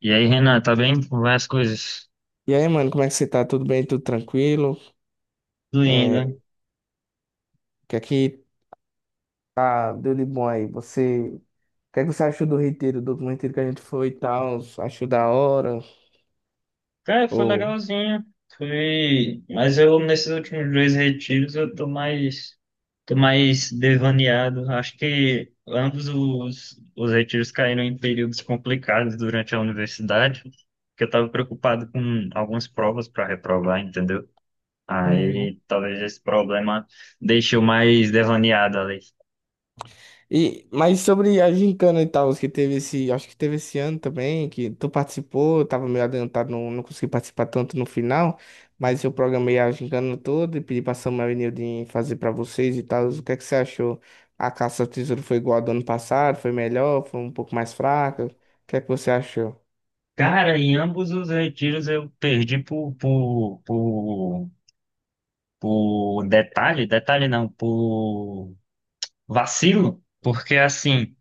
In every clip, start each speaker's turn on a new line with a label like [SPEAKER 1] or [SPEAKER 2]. [SPEAKER 1] E aí, Renan, tá bem? Como vai as coisas?
[SPEAKER 2] E aí, mano, como é que você tá? Tudo bem? Tudo tranquilo?
[SPEAKER 1] Tudo
[SPEAKER 2] É,
[SPEAKER 1] indo.
[SPEAKER 2] o que é que tá, deu de bom aí? Você, o que é que você achou do retiro, do último retiro que a gente foi e tal? Achou da hora?
[SPEAKER 1] Cara, foi
[SPEAKER 2] Ou...
[SPEAKER 1] legalzinho. Foi. Mas eu, nesses últimos dois retiros, eu tô mais. Tô mais devaneado. Acho que ambos os retiros caíram em períodos complicados durante a universidade, porque eu tava preocupado com algumas provas para reprovar, entendeu?
[SPEAKER 2] Uhum.
[SPEAKER 1] Aí talvez esse problema deixe eu mais devaneado ali.
[SPEAKER 2] E, mas sobre a gincana e tal, que teve esse, acho que teve esse ano também, que tu participou, eu tava meio adiantado, não consegui participar tanto no final, mas eu programei a gincana toda e pedi pra Samuel e Nildin fazer pra vocês e tal. O que é que você achou? A caça ao tesouro foi igual a do ano passado? Foi melhor? Foi um pouco mais fraca? O que é que você achou?
[SPEAKER 1] Cara, em ambos os retiros eu perdi por detalhe, detalhe não, por vacilo, porque assim,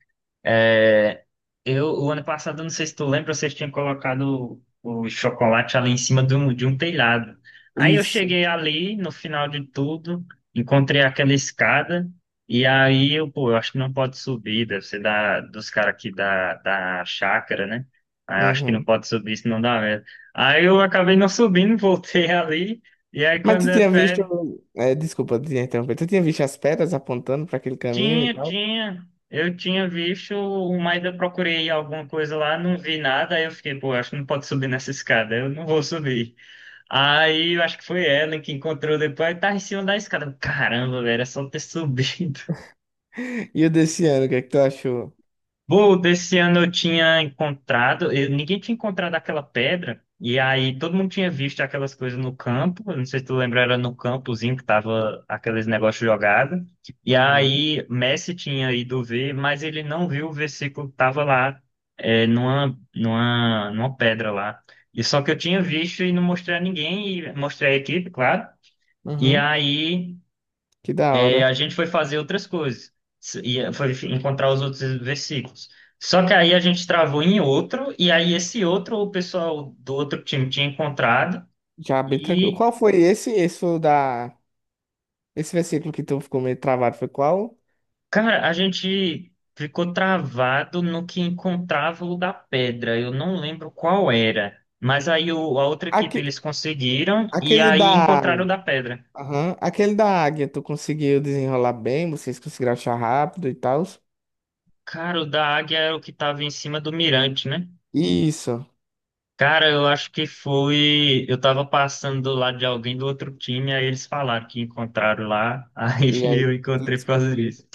[SPEAKER 1] é, eu o ano passado, eu não sei se tu lembra, vocês tinham colocado o chocolate ali em cima de um telhado. Aí eu
[SPEAKER 2] Isso.
[SPEAKER 1] cheguei ali, no final de tudo, encontrei aquela escada, e aí eu, pô, eu acho que não pode subir, deve ser da, dos caras aqui da chácara, né? Aí eu acho que não
[SPEAKER 2] Uhum.
[SPEAKER 1] pode subir, senão dá merda. Aí eu acabei não subindo, voltei ali. E aí,
[SPEAKER 2] Mas
[SPEAKER 1] quando
[SPEAKER 2] tu
[SPEAKER 1] é
[SPEAKER 2] tinha visto,
[SPEAKER 1] fé,
[SPEAKER 2] é, desculpa te interromper, tu tinha visto as pedras apontando pra aquele caminho e
[SPEAKER 1] tinha,
[SPEAKER 2] tal?
[SPEAKER 1] tinha. Eu tinha visto, mas eu procurei alguma coisa lá, não vi nada. Aí eu fiquei, pô, acho que não pode subir nessa escada, eu não vou subir. Aí eu acho que foi ela que encontrou depois, tava em cima da escada. Caramba, velho, é só ter subido.
[SPEAKER 2] E o desse ano, o que é que tu achou?
[SPEAKER 1] Pô, desse ano eu tinha encontrado, ninguém tinha encontrado aquela pedra, e aí todo mundo tinha visto aquelas coisas no campo, eu não sei se tu lembra, era no campozinho que tava aqueles negócios jogados, e
[SPEAKER 2] Aham,
[SPEAKER 1] aí Messi tinha ido ver, mas ele não viu o versículo que tava lá, numa, numa pedra lá. E só que eu tinha visto e não mostrei a ninguém, e mostrei a equipe, claro, e
[SPEAKER 2] uhum.
[SPEAKER 1] aí.
[SPEAKER 2] Que da
[SPEAKER 1] E
[SPEAKER 2] hora.
[SPEAKER 1] a gente foi fazer outras coisas, e foi encontrar os outros versículos. Só que aí a gente travou em outro, e aí esse outro o pessoal do outro time tinha encontrado,
[SPEAKER 2] Já bem tranquilo.
[SPEAKER 1] e,
[SPEAKER 2] Qual foi esse? Esse foi o da. Esse versículo que tu ficou meio travado foi qual?
[SPEAKER 1] cara, a gente ficou travado no que encontrava o da pedra, eu não lembro qual era. Mas aí a outra equipe
[SPEAKER 2] Aque...
[SPEAKER 1] eles conseguiram, e
[SPEAKER 2] Aquele
[SPEAKER 1] aí
[SPEAKER 2] da.
[SPEAKER 1] encontraram o da pedra.
[SPEAKER 2] Aham. Aquele da águia, tu conseguiu desenrolar bem, vocês conseguiram achar rápido e tal.
[SPEAKER 1] Cara, o da águia era o que estava em cima do mirante, né?
[SPEAKER 2] Isso.
[SPEAKER 1] Cara, eu acho que foi. Eu tava passando do lado de alguém do outro time, aí eles falaram que encontraram lá, aí
[SPEAKER 2] E aí
[SPEAKER 1] eu
[SPEAKER 2] tu
[SPEAKER 1] encontrei por causa
[SPEAKER 2] descobriu.
[SPEAKER 1] disso.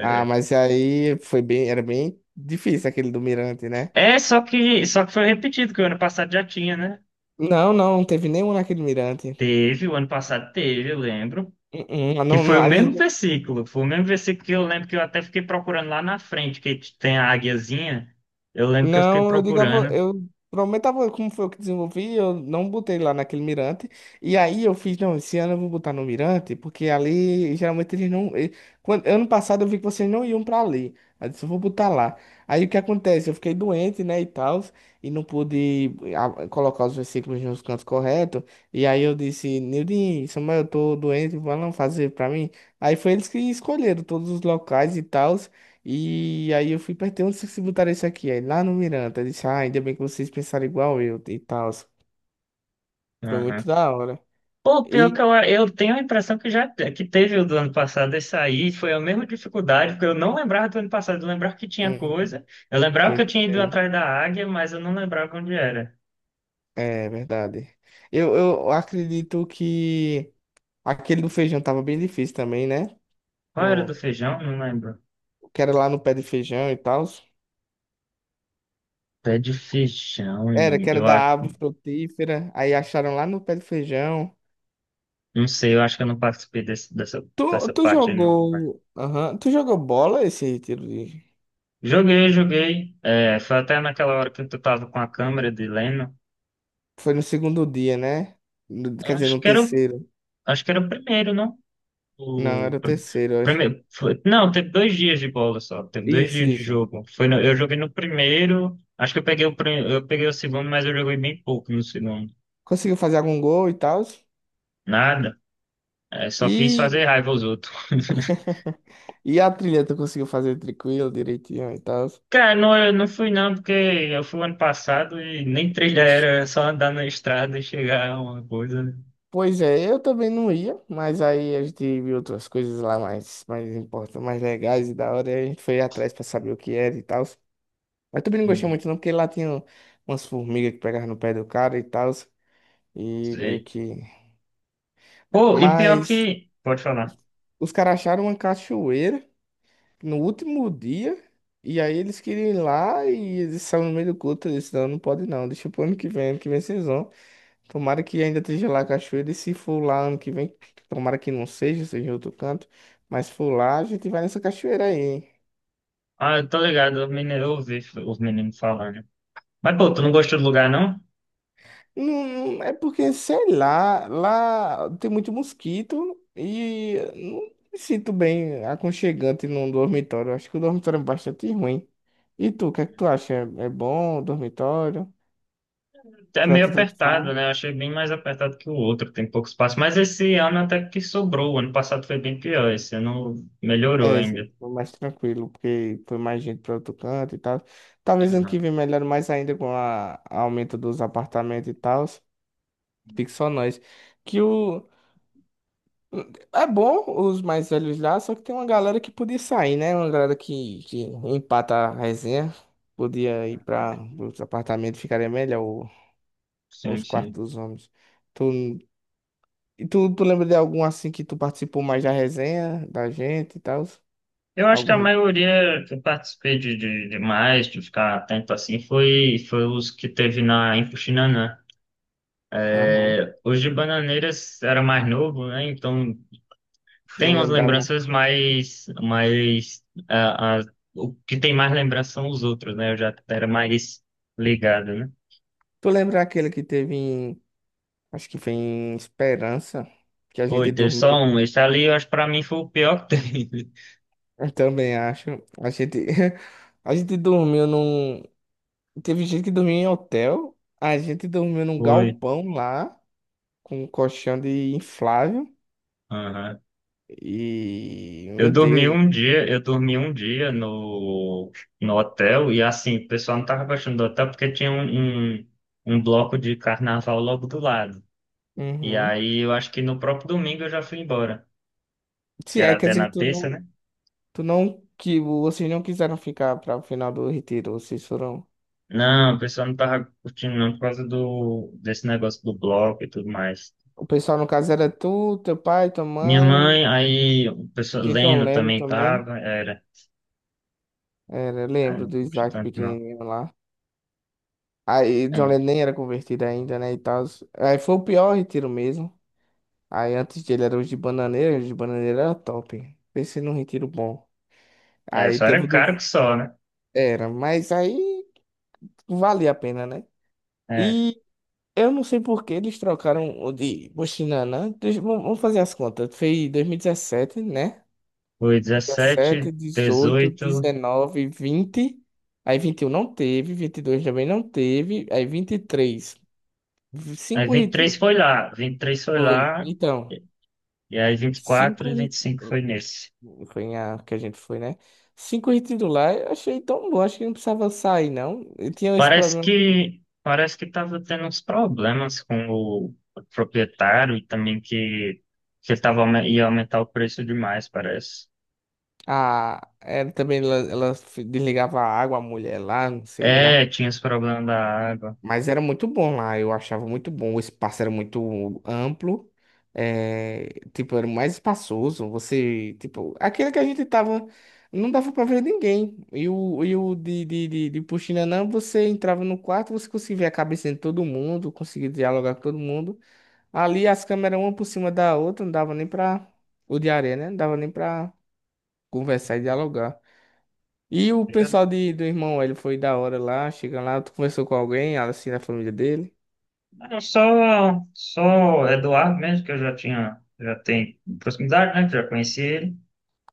[SPEAKER 2] Ah, mas aí foi bem. Era bem difícil aquele do mirante, né?
[SPEAKER 1] é, só que foi repetido, que o ano passado já tinha, né?
[SPEAKER 2] Não teve nenhum naquele mirante.
[SPEAKER 1] Teve, o ano passado teve, eu lembro.
[SPEAKER 2] Uh-uh,
[SPEAKER 1] Que
[SPEAKER 2] não,
[SPEAKER 1] foi o
[SPEAKER 2] a
[SPEAKER 1] mesmo
[SPEAKER 2] gente
[SPEAKER 1] versículo, foi o mesmo versículo que eu lembro que eu até fiquei procurando lá na frente, que tem a águiazinha. Eu lembro que eu fiquei
[SPEAKER 2] Não, eu digava,
[SPEAKER 1] procurando.
[SPEAKER 2] eu prometava como foi eu que desenvolvi, eu não botei lá naquele mirante. E aí eu fiz, não, esse ano eu vou botar no mirante, porque ali geralmente eles não. Quando, ano passado eu vi que vocês não iam pra ali. Aí eu disse, eu vou botar lá. Aí o que acontece? Eu fiquei doente, né, e tal, e não pude colocar os versículos nos cantos corretos. E aí eu disse, Nildinho, Samuel, eu tô doente, vão fazer pra mim. Aí foi eles que escolheram todos os locais e tal. E aí eu fui perguntar onde vocês botaram isso aqui? Aí lá no Miranda. Eu disse, ah, ainda bem que vocês pensaram igual eu e tal. Foi muito da hora.
[SPEAKER 1] Pô, pior que
[SPEAKER 2] E.
[SPEAKER 1] eu tenho a impressão que já que teve o do ano passado esse aí, foi a mesma dificuldade, porque eu não lembrava do ano passado, eu lembrava que tinha
[SPEAKER 2] Hum,
[SPEAKER 1] coisa, eu lembrava
[SPEAKER 2] tô
[SPEAKER 1] que eu tinha ido
[SPEAKER 2] entendendo.
[SPEAKER 1] atrás da águia, mas eu não lembrava onde era.
[SPEAKER 2] É verdade. Eu acredito que aquele do feijão tava bem difícil também, né?
[SPEAKER 1] Qual era
[SPEAKER 2] O
[SPEAKER 1] do feijão? Não lembro.
[SPEAKER 2] o que era lá no pé de feijão e tal.
[SPEAKER 1] Pé de feijão,
[SPEAKER 2] Era, que era
[SPEAKER 1] eu
[SPEAKER 2] da
[SPEAKER 1] acho,
[SPEAKER 2] árvore frutífera. Aí acharam lá no pé de feijão.
[SPEAKER 1] não sei, eu acho que eu não participei desse, dessa,
[SPEAKER 2] Tu,
[SPEAKER 1] dessa
[SPEAKER 2] tu
[SPEAKER 1] parte aí, não, não lembro.
[SPEAKER 2] jogou. Aham. Tu jogou bola esse tiro de.
[SPEAKER 1] Joguei, joguei, é, foi até naquela hora que tu tava com a câmera de Leno,
[SPEAKER 2] Foi no segundo dia, né? No- Quer dizer,
[SPEAKER 1] acho
[SPEAKER 2] no
[SPEAKER 1] que era, o-
[SPEAKER 2] terceiro.
[SPEAKER 1] acho que era o primeiro, não?
[SPEAKER 2] Não,
[SPEAKER 1] O
[SPEAKER 2] era o terceiro, eu acho.
[SPEAKER 1] primeiro, foi, não, teve 2 dias de bola só. Teve dois
[SPEAKER 2] Isso,
[SPEAKER 1] dias de
[SPEAKER 2] isso.
[SPEAKER 1] jogo. Foi no- Eu joguei no primeiro. Acho que eu peguei o segundo, mas eu joguei bem pouco no segundo.
[SPEAKER 2] Conseguiu fazer algum gol e tal.
[SPEAKER 1] Nada. É, só fiz
[SPEAKER 2] E...
[SPEAKER 1] fazer raiva aos outros.
[SPEAKER 2] e a trilha tu conseguiu fazer tranquilo, direitinho e tal.
[SPEAKER 1] Cara, não, eu não fui não, porque eu fui ano passado e nem trilha era,
[SPEAKER 2] Oxe.
[SPEAKER 1] era só andar na estrada e chegar a uma coisa, né?
[SPEAKER 2] Pois é, eu também não ia, mas aí a gente viu outras coisas lá mais, mais importantes, mais legais e da hora, e a gente foi atrás pra saber o que era e tal. Mas também não gostei
[SPEAKER 1] Hum.
[SPEAKER 2] muito não, porque lá tinha umas formigas que pegavam no pé do cara e tal, e meio
[SPEAKER 1] Sei.
[SPEAKER 2] que...
[SPEAKER 1] Pô, e pior
[SPEAKER 2] Mas
[SPEAKER 1] que. Pode falar.
[SPEAKER 2] os caras acharam uma cachoeira, no último dia. E aí eles queriam ir lá e eles estavam no meio do culto. Eu disse, não, não pode não. Deixa pro ano que vem vocês vão. Tomara que ainda esteja lá a cachoeira. E se for lá ano que vem, tomara que não seja, seja em outro canto. Mas se for lá, a gente vai nessa cachoeira aí. Hein?"
[SPEAKER 1] Ah, eu tô ligado, os meninos, eu ouvi os meninos falando. Mas, pô, tu não gostou do lugar, não?
[SPEAKER 2] Não, não- é porque, sei lá, lá tem muito mosquito e não me sinto bem aconchegante num dormitório. Acho que o dormitório é bastante ruim. E tu, o que é que tu acha? É bom o dormitório?
[SPEAKER 1] É
[SPEAKER 2] Tu vai
[SPEAKER 1] meio
[SPEAKER 2] tanto
[SPEAKER 1] apertado, né? Eu achei bem mais apertado que o outro, tem pouco espaço. Mas esse ano até que sobrou. O ano passado foi bem pior, esse ano melhorou
[SPEAKER 2] É, isso
[SPEAKER 1] ainda.
[SPEAKER 2] foi mais tranquilo, porque foi mais gente para outro canto e tal. Talvez ano que
[SPEAKER 1] Aham.
[SPEAKER 2] vem melhore mais ainda com a aumento dos apartamentos e tal. Fique só nós. Que o. É bom os mais velhos lá, só que tem uma galera que podia sair, né? Uma galera que empata a resenha. Podia ir
[SPEAKER 1] Aham.
[SPEAKER 2] para os apartamentos, ficaria melhor o-
[SPEAKER 1] Sim,
[SPEAKER 2] os quartos
[SPEAKER 1] sim.
[SPEAKER 2] dos homens. Tu, e tu lembra de algum assim que tu participou mais da resenha da gente e tal?
[SPEAKER 1] Eu acho que
[SPEAKER 2] Algum.
[SPEAKER 1] a
[SPEAKER 2] Ri-
[SPEAKER 1] maioria que eu participei de mais, de ficar atento assim, foi os que teve na em Puxinanã.
[SPEAKER 2] Aham.
[SPEAKER 1] É, os de Bananeiras era mais novo, né? Então tem
[SPEAKER 2] Não
[SPEAKER 1] umas
[SPEAKER 2] lembrava.
[SPEAKER 1] lembranças mais, o que tem mais lembrança são os outros, né? Eu já era mais ligado, né?
[SPEAKER 2] Tu lembra aquele que teve em, acho que foi em Esperança, que a
[SPEAKER 1] Foi,
[SPEAKER 2] gente
[SPEAKER 1] teve só
[SPEAKER 2] dormiu,
[SPEAKER 1] um. Esse ali, eu acho, que pra mim, foi o pior que teve.
[SPEAKER 2] eu também acho, a gente, a gente dormiu num, teve gente que dormiu em hotel, a gente dormiu num
[SPEAKER 1] Foi.
[SPEAKER 2] galpão lá, com um colchão de inflável,
[SPEAKER 1] Aham.
[SPEAKER 2] e,
[SPEAKER 1] Eu
[SPEAKER 2] meu
[SPEAKER 1] dormi
[SPEAKER 2] Deus,
[SPEAKER 1] um dia, eu dormi um dia no, no hotel e, assim, o pessoal não tava gostando do hotel porque tinha um, um bloco de carnaval logo do lado. E
[SPEAKER 2] uhum.
[SPEAKER 1] aí, eu acho que no próprio domingo eu já fui embora,
[SPEAKER 2] Sim,
[SPEAKER 1] que
[SPEAKER 2] é,
[SPEAKER 1] era
[SPEAKER 2] quer
[SPEAKER 1] até
[SPEAKER 2] dizer
[SPEAKER 1] na
[SPEAKER 2] que
[SPEAKER 1] terça, né?
[SPEAKER 2] tu não, que vocês não quiseram ficar para o final do retiro, vocês foram,
[SPEAKER 1] Não, o pessoal não tava curtindo não por causa desse negócio do bloco e tudo mais.
[SPEAKER 2] o pessoal no caso era tu, teu pai, tua
[SPEAKER 1] Minha
[SPEAKER 2] mãe,
[SPEAKER 1] mãe, aí o pessoal
[SPEAKER 2] tinha John
[SPEAKER 1] lendo
[SPEAKER 2] Lennon
[SPEAKER 1] também
[SPEAKER 2] também. Era,
[SPEAKER 1] aí
[SPEAKER 2] lembro
[SPEAKER 1] não
[SPEAKER 2] do
[SPEAKER 1] curti
[SPEAKER 2] Isaac
[SPEAKER 1] tanto não.
[SPEAKER 2] pequenininho lá. Aí John Lennon nem era convertido ainda, né, e tal. Aí foi o pior retiro mesmo. Aí antes dele era os de Bananeira era top. Pensei num retiro bom.
[SPEAKER 1] É, é,
[SPEAKER 2] Aí
[SPEAKER 1] só
[SPEAKER 2] teve
[SPEAKER 1] era
[SPEAKER 2] o do...
[SPEAKER 1] caro que só, né?
[SPEAKER 2] Era, mas aí valia a pena, né?
[SPEAKER 1] É,
[SPEAKER 2] E eu não sei por que eles trocaram o de Buxinanã. Deixa- Vamos fazer as contas. Foi 2017, né?
[SPEAKER 1] foi 2017,
[SPEAKER 2] 17, 18,
[SPEAKER 1] dezoito,
[SPEAKER 2] 19, 20... Aí 21 não teve, 22 também não teve, aí 23.
[SPEAKER 1] aí
[SPEAKER 2] Cinco
[SPEAKER 1] 23
[SPEAKER 2] retiros.
[SPEAKER 1] foi lá, 23 foi
[SPEAKER 2] Foi.
[SPEAKER 1] lá,
[SPEAKER 2] Então,
[SPEAKER 1] e aí vinte e quatro e
[SPEAKER 2] cinco
[SPEAKER 1] e vinte e
[SPEAKER 2] retiros.
[SPEAKER 1] cinco foi nesse.
[SPEAKER 2] Foi em a que a gente foi, né? Cinco retiros lá, eu achei tão bom. Acho que não precisava sair, não. Eu tinha esse
[SPEAKER 1] Parece
[SPEAKER 2] problema.
[SPEAKER 1] que, parece que tava tendo uns problemas com o proprietário e também que ia aumentar o preço demais, parece.
[SPEAKER 2] Ah, ela também ela desligava a água, a mulher lá, não sei lá.
[SPEAKER 1] É, tinha esse problema da água.
[SPEAKER 2] Mas era muito bom lá, eu achava muito bom. O espaço era muito amplo, é, tipo, era mais espaçoso. Você, tipo, aquele que a gente tava, não dava pra ver ninguém. E o de Puxinanã, você entrava no quarto, você conseguia ver a cabeça de todo mundo, conseguia dialogar com todo mundo. Ali as câmeras, uma por cima da outra, não dava nem pra. O de areia, né? Não dava nem pra conversar e
[SPEAKER 1] Hum.
[SPEAKER 2] dialogar. E o
[SPEAKER 1] Era-
[SPEAKER 2] pessoal de, do irmão, ele foi da hora lá, chega lá, tu conversou com alguém, assim, da família dele.
[SPEAKER 1] era só Eduardo mesmo, que eu já tinha, já tenho proximidade, né? Que já conheci ele.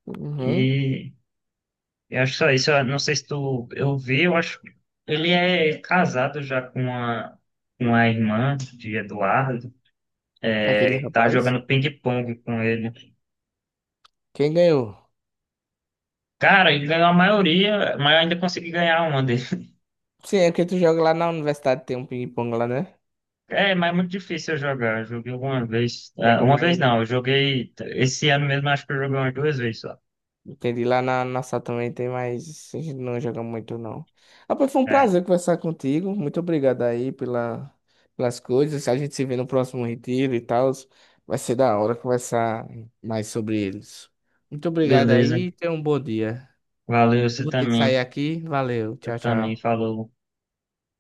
[SPEAKER 2] Uhum.
[SPEAKER 1] E eu acho só isso. Eu não sei se tu, eu vi, eu acho ele é casado já com uma, irmã de Eduardo.
[SPEAKER 2] Aquele
[SPEAKER 1] É, tá
[SPEAKER 2] rapaz.
[SPEAKER 1] jogando ping-pong com ele.
[SPEAKER 2] Quem ganhou?
[SPEAKER 1] Cara, ele ganhou a maioria, mas eu ainda consegui ganhar uma.
[SPEAKER 2] Sim, é porque tu joga lá na universidade, tem um ping-pong lá, né?
[SPEAKER 1] É, mas é muito difícil eu jogar. Eu joguei uma vez.
[SPEAKER 2] Joga
[SPEAKER 1] Uma
[SPEAKER 2] mais.
[SPEAKER 1] vez não, eu joguei. Esse ano mesmo, acho que eu joguei umas duas vezes só.
[SPEAKER 2] Entendi. Lá na nossa também tem mais. A gente não joga muito, não. Rapaz, foi um
[SPEAKER 1] É,
[SPEAKER 2] prazer conversar contigo. Muito obrigado aí pela, pelas coisas. A gente se vê no próximo retiro e tal. Vai ser da hora conversar mais sobre eles. Muito obrigado
[SPEAKER 1] beleza.
[SPEAKER 2] aí. E Tenha um bom dia.
[SPEAKER 1] Valeu,
[SPEAKER 2] Eu
[SPEAKER 1] você
[SPEAKER 2] vou ter que
[SPEAKER 1] também.
[SPEAKER 2] sair aqui. Valeu.
[SPEAKER 1] Você
[SPEAKER 2] Tchau,
[SPEAKER 1] também
[SPEAKER 2] tchau.
[SPEAKER 1] falou.